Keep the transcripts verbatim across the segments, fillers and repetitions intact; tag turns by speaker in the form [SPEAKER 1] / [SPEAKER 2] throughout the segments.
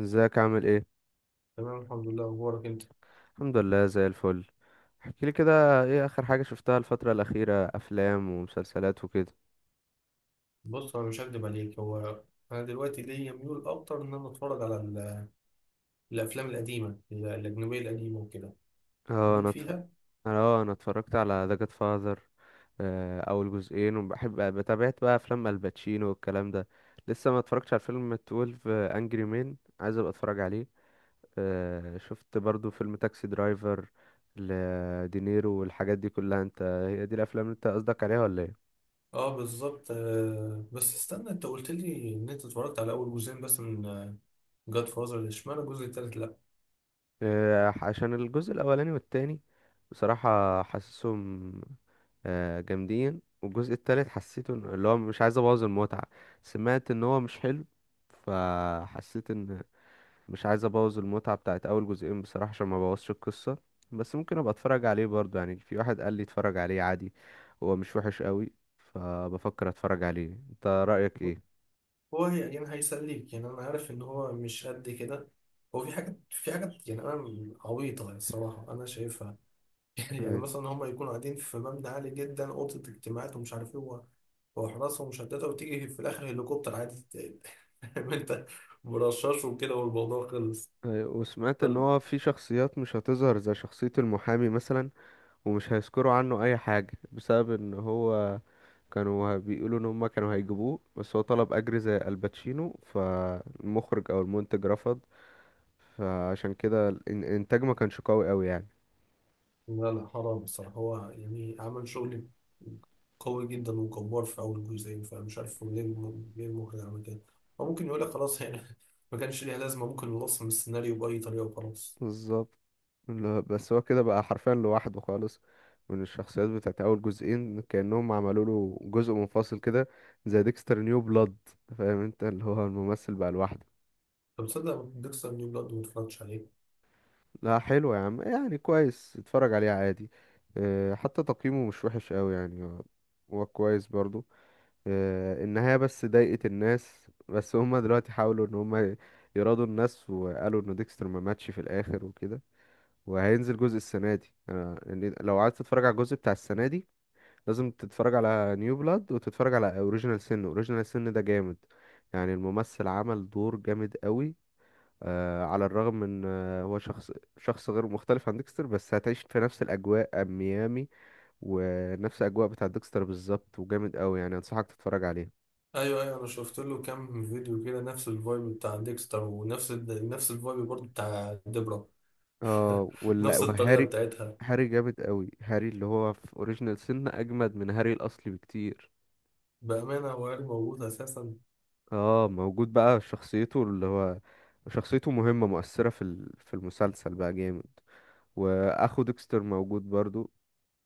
[SPEAKER 1] ازيك عامل ايه؟
[SPEAKER 2] تمام الحمد لله، اخبارك انت؟
[SPEAKER 1] الحمد لله زي الفل. احكي لي كده، ايه اخر حاجة شفتها الفترة الأخيرة؟ افلام ومسلسلات وكده.
[SPEAKER 2] بص، انا مش هكدب عليك. هو انا دلوقتي ليا ميول اكتر ان انا اتفرج على ال- الافلام القديمه، ال- الاجنبيه القديمه وكده،
[SPEAKER 1] اه انا
[SPEAKER 2] ليك
[SPEAKER 1] اتف...
[SPEAKER 2] فيها.
[SPEAKER 1] اه انا اتفرجت على ذا جاد فاذر اول جزئين، وبحب بتابعت بقى افلام الباتشينو والكلام ده. لسه ما اتفرجتش على فيلم اتناشر انجري مان، عايز ابقى اتفرج عليه. آه، شفت برضو فيلم تاكسي درايفر لدينيرو والحاجات دي كلها. انت هي دي الافلام اللي انت قصدك عليها ولا ايه؟
[SPEAKER 2] اه بالظبط. آه، بس استنى، انت قلت لي ان انت اتفرجت على اول جزئين بس من جاد فازر، اشمعنى الجزء التالت؟ لا،
[SPEAKER 1] آه، عشان الجزء الاولاني والتاني بصراحة حاسسهم آه، جامدين. والجزء التالت حسيته إن- اللي هو مش عايز ابوظ المتعة. سمعت ان هو مش حلو، فحسيت ان مش عايز ابوظ المتعة بتاعت اول جزئين بصراحة، عشان ما بوظش القصة. بس ممكن ابقى اتفرج عليه برضه يعني. في واحد قال لي اتفرج عليه عادي، هو مش وحش قوي، فبفكر اتفرج عليه. انت رأيك ايه؟
[SPEAKER 2] هو هي- يعني هيسليك، يعني انا عارف ان هو مش قد كده. هو في حاجات في حاجات يعني انا عبيطه، يعني الصراحه انا شايفها. يعني
[SPEAKER 1] أيوة.
[SPEAKER 2] مثلا هم يكونوا قاعدين في مبنى عالي جدا، اوضه اجتماعات ومش عارف ايه، وحراسة مشددة، وتيجي في الآخر هليكوبتر عادي ت- فاهم أنت، مرشش وكده والموضوع خلص.
[SPEAKER 1] أيوة، وسمعت ان
[SPEAKER 2] فال...
[SPEAKER 1] هو في شخصيات مش هتظهر، زي شخصية المحامي مثلا، ومش هيذكروا عنه اي حاجة بسبب ان هو كانوا بيقولوا ان هما كانوا هيجيبوه، بس هو طلب اجر زي الباتشينو، فالمخرج او المنتج رفض. فعشان كده الإن- الانتاج ما كانش قوي قوي يعني.
[SPEAKER 2] لا لا، حرام بصراحة، هو يعني عمل شغل قوي جدا وجبار في أول جزئين، فمش عارف هو ليه الم- ليه المخرج عمل كده. هو ممكن يقول لك خلاص، يعني ما كانش ليها لازمة، ممكن نلصم السيناريو بأي طريقة وخلاص.
[SPEAKER 1] بالظبط. لا، بس هو كده بقى حرفيا لوحده خالص من الشخصيات بتاعت اول جزئين، كأنهم عملوا له جزء منفصل كده، زي ديكستر نيو بلاد. فاهم انت، اللي هو الممثل بقى لوحده.
[SPEAKER 2] طب تصدق ديكستر نيو بلاد ما اتفرجتش عليه.
[SPEAKER 1] لا حلو يا عم، يعني كويس، اتفرج عليه عادي. أه، حتى تقييمه مش وحش قوي يعني، هو هو كويس برضو. أه، النهاية بس ضايقت الناس، بس هما دلوقتي حاولوا ان هما يراضوا الناس، وقالوا ان ديكستر ما ماتش في الاخر وكده. وهينزل جزء السنة دي. أه، يعني لو عايز تتفرج على الجزء بتاع السنة دي، لازم تتفرج على نيو بلاد وتتفرج على اوريجينال سن. اوريجينال سن ده جامد، يعني الممثل عمل دور جامد قوي. آه، على الرغم من آه، هو شخص، شخص غير مختلف عن ديكستر، بس هتعيش في نفس الأجواء، ميامي، ونفس الأجواء بتاع ديكستر بالظبط. وجامد أوي يعني، أنصحك تتفرج عليه.
[SPEAKER 2] ايوه، ايوه، انا شفت له كام فيديو كده، نفس الفايب بتاع ديكستر ونفس ال... نفس الفايب برضه بتاع ديبرا.
[SPEAKER 1] اه ولا
[SPEAKER 2] نفس الطريقة
[SPEAKER 1] وهاري.
[SPEAKER 2] بتاعتها.
[SPEAKER 1] هاري جامد أوي. هاري اللي هو في أوريجينال سن أجمد من هاري الأصلي بكتير.
[SPEAKER 2] بأمانة هو عيال موجود أساسا.
[SPEAKER 1] اه موجود بقى. شخصيته اللي هو، شخصيته مهمة مؤثرة في ال- في المسلسل، بقى جامد. وأخو ديكستر موجود برضو.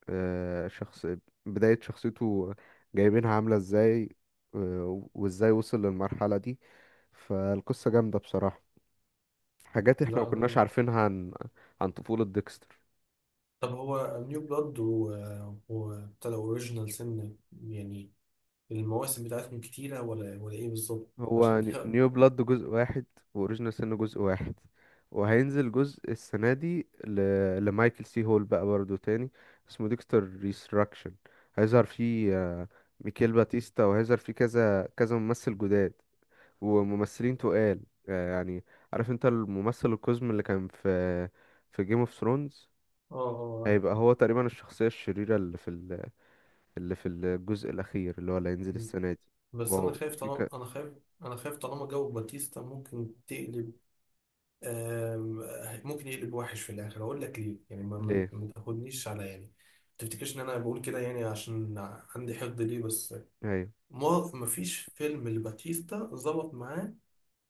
[SPEAKER 1] آه، شخص، بداية شخصيته جايبينها عاملة ازاي، آه، وازاي وصل للمرحلة دي. فالقصة جامدة بصراحة. حاجات احنا
[SPEAKER 2] لا
[SPEAKER 1] مكناش
[SPEAKER 2] أنا-
[SPEAKER 1] عارفينها عن عن طفولة ديكستر.
[SPEAKER 2] طب هو نيو بلاد و وابتدى أوريجينال سن، يعني المواسم بتاعتهم كتيرة ولا ولا إيه بالظبط؟
[SPEAKER 1] هو
[SPEAKER 2] عشان
[SPEAKER 1] ن- نيو بلاد جزء واحد، وأوريجينال سن جزء واحد. وهينزل جزء السنة دي ل... لمايكل سي هول بقى برضه تاني. اسمه ديكستر ريستراكشن. هيظهر فيه آه، ميكيل باتيستا، وهيظهر فيه كذا كذا ممثل جداد وممثلين تقال. آه، يعني عارف انت الممثل القزم اللي كان في في جيم اوف ثرونز؟
[SPEAKER 2] اه
[SPEAKER 1] هيبقى
[SPEAKER 2] اه.
[SPEAKER 1] هو تقريبا الشخصية الشريرة اللي في ال... اللي في الجزء الأخير، اللي هو اللي هينزل السنة دي.
[SPEAKER 2] بس أنا
[SPEAKER 1] واو
[SPEAKER 2] خايف
[SPEAKER 1] في
[SPEAKER 2] طالما
[SPEAKER 1] ك...
[SPEAKER 2] أنا خايف أنا خايف طالما جو باتيستا ممكن تقلب، آم، ممكن يقلب وحش في الآخر. أقول لك ليه، يعني ما ما
[SPEAKER 1] ليه؟
[SPEAKER 2] ما تاخدنيش على، يعني ما تفتكرش إن أنا بقول كده يعني، عشان عندي حقد ليه، بس
[SPEAKER 1] ايوه.
[SPEAKER 2] ما مفيش فيلم لباتيستا ظبط معاه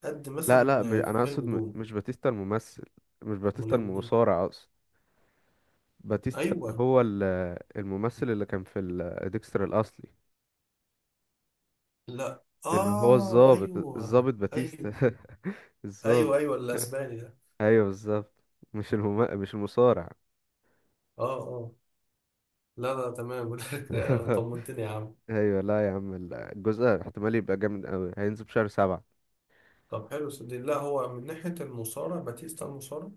[SPEAKER 2] قد
[SPEAKER 1] لا
[SPEAKER 2] مثلا
[SPEAKER 1] لا م... انا
[SPEAKER 2] فيلم
[SPEAKER 1] اقصد م...
[SPEAKER 2] دون.
[SPEAKER 1] مش باتيستا الممثل. مش باتيستا
[SPEAKER 2] ملم ايه.
[SPEAKER 1] المصارع اقصد. باتيستا اللي
[SPEAKER 2] ايوه،
[SPEAKER 1] هو ال... الممثل اللي كان في ال... ديكستر الأصلي،
[SPEAKER 2] لا،
[SPEAKER 1] اللي هو
[SPEAKER 2] اه،
[SPEAKER 1] الضابط،
[SPEAKER 2] ايوه.
[SPEAKER 1] الضابط باتيستا.
[SPEAKER 2] ايوه ايوه
[SPEAKER 1] الضابط.
[SPEAKER 2] ايوه. الاسباني ده.
[SPEAKER 1] ايوه بالظبط. مش المم... مش المصارع.
[SPEAKER 2] اه اه. لا لا، تمام. بقول لك، طمنتني يا عم.
[SPEAKER 1] ايوه. لا يا عم، الجزء احتمال يبقى جامد قوي. هينزل في شهر سبعة.
[SPEAKER 2] طب حلو، صدق، لا هو من ناحيه المصارع، باتيستا المصارع.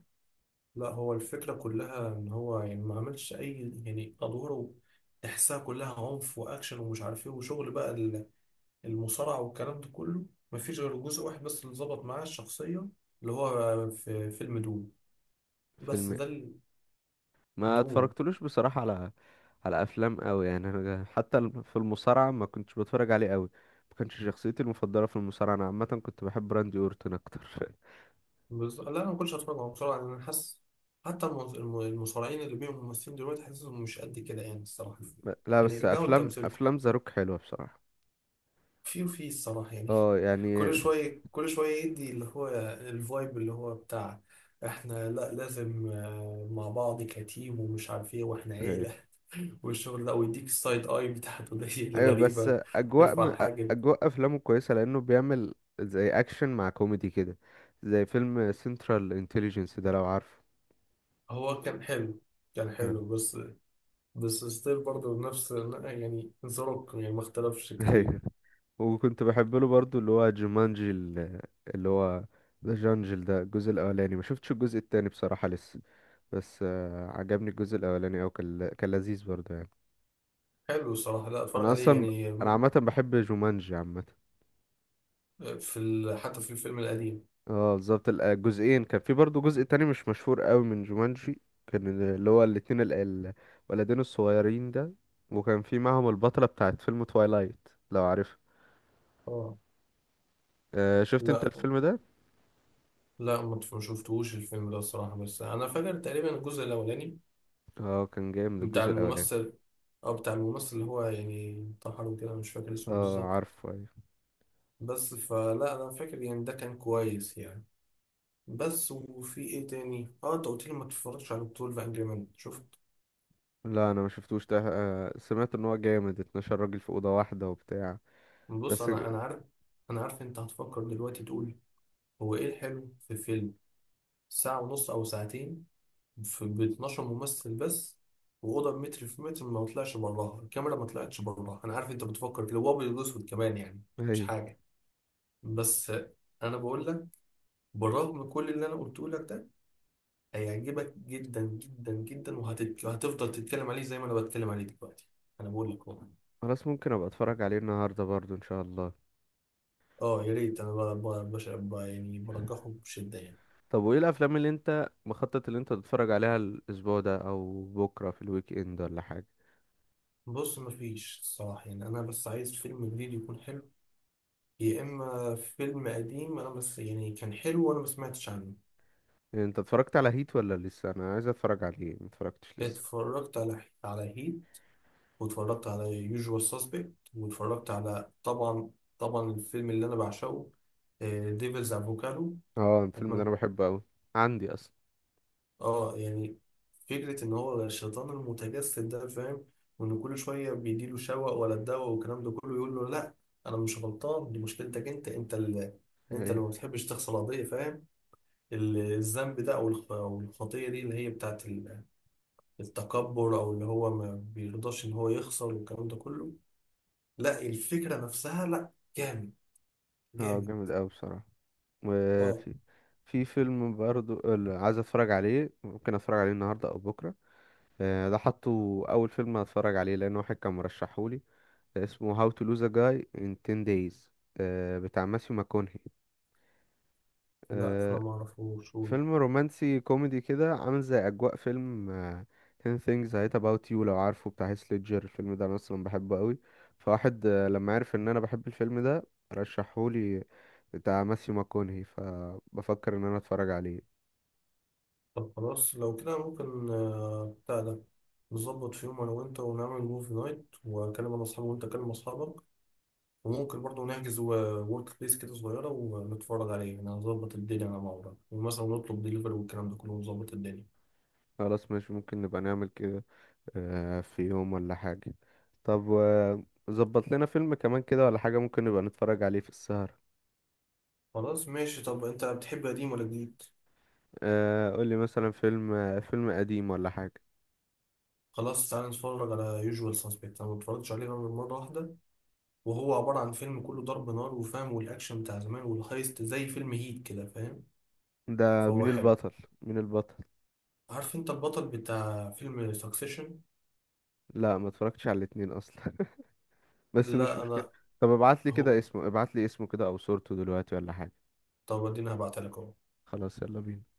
[SPEAKER 2] لا، هو الفكره كلها ان هو يعني ما عملش اي يعني ادواره، تحسها كلها عنف واكشن ومش عارف ايه وشغل بقى، المصارعة والكلام ده كله. مفيش غير جزء واحد بس اللي ظبط معاه الشخصية، اللي هو في فيلم دوم. بس
[SPEAKER 1] فيلم،
[SPEAKER 2] ده ال-
[SPEAKER 1] ما
[SPEAKER 2] دوم
[SPEAKER 1] اتفرجتلوش بصراحة على على افلام قوي يعني. انا حتى الم- في المصارعة ما كنتش بتفرج عليه قوي، ما كانش شخصيتي المفضلة في المصارعة. انا عامة كنت بحب راندي اورتون اكتر.
[SPEAKER 2] بس. لا، أنا ما كنتش هتفرج على مصارعة لأن أنا حاسس حتى المص- الم- المصارعين اللي بيهم ممثلين دلوقتي حاسسهم مش قد كده يعني الصراحة.
[SPEAKER 1] ب- لا
[SPEAKER 2] يعني
[SPEAKER 1] بس
[SPEAKER 2] ارجعوا
[SPEAKER 1] افلام،
[SPEAKER 2] لتمثيلكم.
[SPEAKER 1] افلام زاروك حلوة بصراحة.
[SPEAKER 2] في وفي الصراحة، يعني
[SPEAKER 1] اه يعني.
[SPEAKER 2] كل شوية كل شوية، يدي اللي هو الفايب اللي هو بتاع احنا، لا لازم، آه، مع بعض كتيم ومش عارف ايه واحنا
[SPEAKER 1] إيه.
[SPEAKER 2] عيلة والشغل ده، ويديك السايد اي بتاعته دي
[SPEAKER 1] ايوه بس
[SPEAKER 2] الغريبة،
[SPEAKER 1] اجواء
[SPEAKER 2] يرفع
[SPEAKER 1] م... أ-
[SPEAKER 2] الحاجب.
[SPEAKER 1] اجواء افلامه كويسة، لانه بيعمل زي اكشن مع كوميدي كده، زي فيلم سنترال انتليجنس ده لو عارفه.
[SPEAKER 2] هو كان حلو، كان
[SPEAKER 1] آه.
[SPEAKER 2] حلو، بس بس ستيل برضه نفس، يعني زروك يعني ما اختلفش كتير.
[SPEAKER 1] ايوه. وكنت بحب له برضو اللي هو جومانجي ال- اللي هو ذا جانجل ده. الجزء الاولاني، ما شفتش الجزء التاني بصراحة لسه، بس آه، عجبني الجزء الاولاني، او كان كان لذيذ برضو يعني.
[SPEAKER 2] حلو الصراحة، لا اتفرج
[SPEAKER 1] انا
[SPEAKER 2] عليه
[SPEAKER 1] اصلا،
[SPEAKER 2] يعني
[SPEAKER 1] انا
[SPEAKER 2] ممكن،
[SPEAKER 1] عامة بحب جومانجي عامة.
[SPEAKER 2] في ال... حتى في الفيلم القديم.
[SPEAKER 1] اه بالظبط. ال- الجزئين، كان في برضو جزء تاني مش مشهور قوي من جومانجي. كان ال- اللي هو الاتنين ال- ال- الولدين الصغيرين ده، وكان في معهم البطلة بتاعت فيلم توايلايت لو عارف.
[SPEAKER 2] اه.
[SPEAKER 1] آه، شفت انت
[SPEAKER 2] لا
[SPEAKER 1] الفيلم ده؟
[SPEAKER 2] لا، ما تف- ما شفتهوش الفيلم ده الصراحة، بس انا فاكر تقريبا الجزء الاولاني
[SPEAKER 1] اه كان جامد
[SPEAKER 2] بتاع
[SPEAKER 1] الجزء الاولاني.
[SPEAKER 2] الممثل اه بتاع الممثل اللي هو يعني انتحر وكده، مش فاكر اسمه
[SPEAKER 1] اه
[SPEAKER 2] بالظبط،
[SPEAKER 1] عارفه.
[SPEAKER 2] بس فلا انا فاكر يعني ده كان كويس يعني. بس، وفي ايه تاني؟ اه انت قلت لي ما تتفرجش على بطولة انجري مان، شفت.
[SPEAKER 1] لا انا ما شفتوش ده. آه، سمعت ان هو جامد، اثنا عشر راجل في اوضه واحده وبتاع.
[SPEAKER 2] بص
[SPEAKER 1] بس
[SPEAKER 2] انا انا عارف انا عارف انت هتفكر دلوقتي تقول هو ايه الحلو في فيلم ساعة ونص او ساعتين، في ب اتناشر ممثل بس، واوضه متر في متر، ما طلعش براها الكاميرا ما طلعتش براها. انا عارف انت بتفكر كده، هو ابيض واسود كمان، يعني مش
[SPEAKER 1] ايوه.
[SPEAKER 2] حاجه، بس انا بقول لك، بالرغم كل اللي انا قلته لك ده، هيعجبك جدا جدا جدا، وهتت... وهتفضل تتكلم عليه زي ما انا بتكلم عليه دلوقتي. انا بقول لك والله.
[SPEAKER 1] خلاص ممكن ابقى اتفرج عليه النهارده برضو ان شاء الله.
[SPEAKER 2] اه يا ريت، انا بقى بقى بش- بقى، يعني برجحه بشدة يعني.
[SPEAKER 1] طب وايه الافلام اللي انت مخطط، اللي انت تتفرج عليها الاسبوع ده او بكره في الويك اند ولا حاجه؟
[SPEAKER 2] بص مفيش الصراحة، يعني انا بس عايز فيلم جديد يكون حلو، يا اما فيلم قديم انا بس، يعني كان حلو وانا ما سمعتش عنه.
[SPEAKER 1] يعني انت اتفرجت على هيت ولا لسه؟ انا عايز اتفرج عليه، ما اتفرجتش لسه.
[SPEAKER 2] اتفرجت على على هيت، واتفرجت على يوجوال ساسبكت، واتفرجت على، طبعا طبعا الفيلم اللي انا بعشقه، ديفلز افوكادو،
[SPEAKER 1] اه الفيلم ده انا
[SPEAKER 2] اتمنى.
[SPEAKER 1] بحبه قوي. عندي اصلا.
[SPEAKER 2] اه يعني فكرة ان هو الشيطان المتجسد ده، فاهم؟ وان كل شوية بيديله شوق ولا الدواء والكلام ده كله، يقول له لا، انا مش غلطان، دي مشكلتك انت انت اللي انت اللي
[SPEAKER 1] ايه.
[SPEAKER 2] ما بتحبش تغسل قضية، فاهم؟ ال- الذنب ده او الخ- أو الخطية دي، اللي هي بتاعت ال- التكبر، او اللي هو ما بيرضاش ان هو يخسر والكلام ده كله. لا، الفكرة نفسها، لا، جامد،
[SPEAKER 1] اه
[SPEAKER 2] جامد.
[SPEAKER 1] جامد قوي بصراحه.
[SPEAKER 2] اه.
[SPEAKER 1] وفي، في فيلم برضو اللي عايز اتفرج عليه، ممكن اتفرج عليه النهارده او بكره. آه، ده حطه اول فيلم هتفرج عليه، لان واحد كان مرشحهولي. ده اسمه How to Lose a Guy in عشرة Days. آه، بتاع ماثيو ماكونهي.
[SPEAKER 2] لا انا
[SPEAKER 1] آه،
[SPEAKER 2] ما اعرفوش.
[SPEAKER 1] فيلم رومانسي كوميدي كده، عامل زي اجواء فيلم آه، عشرة Things I Hate About You لو عارفه، بتاع هيث ليدجر. الفيلم ده انا اصلا بحبه قوي. فواحد آه، لما عرف ان انا بحب الفيلم ده رشحهولي، بتاع ماثيو ماكونهي، فبفكر ان انا اتفرج عليه.
[SPEAKER 2] طب خلاص لو كده ممكن، آه، بتاع ده، نظبط في يوم انا وانت ونعمل موفي نايت، واكلم انا اصحابي وانت تكلم اصحابك، وممكن برضه نحجز ورك بليس كده صغيره ونتفرج عليه، يعني هنظبط الدنيا على بعض ومثلا نطلب دليفري والكلام ده كله ونظبط الدنيا.
[SPEAKER 1] خلاص ماشي، ممكن نبقى نعمل كده آه، في يوم ولا حاجة. طب آه، ظبط لنا فيلم كمان كده ولا حاجة، ممكن نبقى نتفرج عليه في السهرة.
[SPEAKER 2] خلاص ماشي. طب انت بتحب قديم ولا جديد؟
[SPEAKER 1] آه، قولي مثلا فيلم آه، فيلم قديم ولا حاجة.
[SPEAKER 2] خلاص تعالى نتفرج على يوجوال سسبكت، انا ما اتفرجتش عليه غير مره واحده، وهو عباره عن فيلم كله ضرب نار وفاهم، والاكشن بتاع زمان والهايست زي فيلم هيت كده، فاهم؟
[SPEAKER 1] ده
[SPEAKER 2] فهو
[SPEAKER 1] مين
[SPEAKER 2] حلو.
[SPEAKER 1] البطل؟ مين البطل؟
[SPEAKER 2] عارف انت البطل بتاع فيلم سكسيشن؟
[SPEAKER 1] لا ما اتفرجتش على الاتنين اصلا. بس مش
[SPEAKER 2] لا
[SPEAKER 1] مشكلة.
[SPEAKER 2] انا.
[SPEAKER 1] طب ابعت لي كده
[SPEAKER 2] هو،
[SPEAKER 1] اسمه، ابعت لي اسمه كده او صورته دلوقتي ولا حاجة.
[SPEAKER 2] طب اديني هبعتلك اهو.
[SPEAKER 1] خلاص يلا بينا.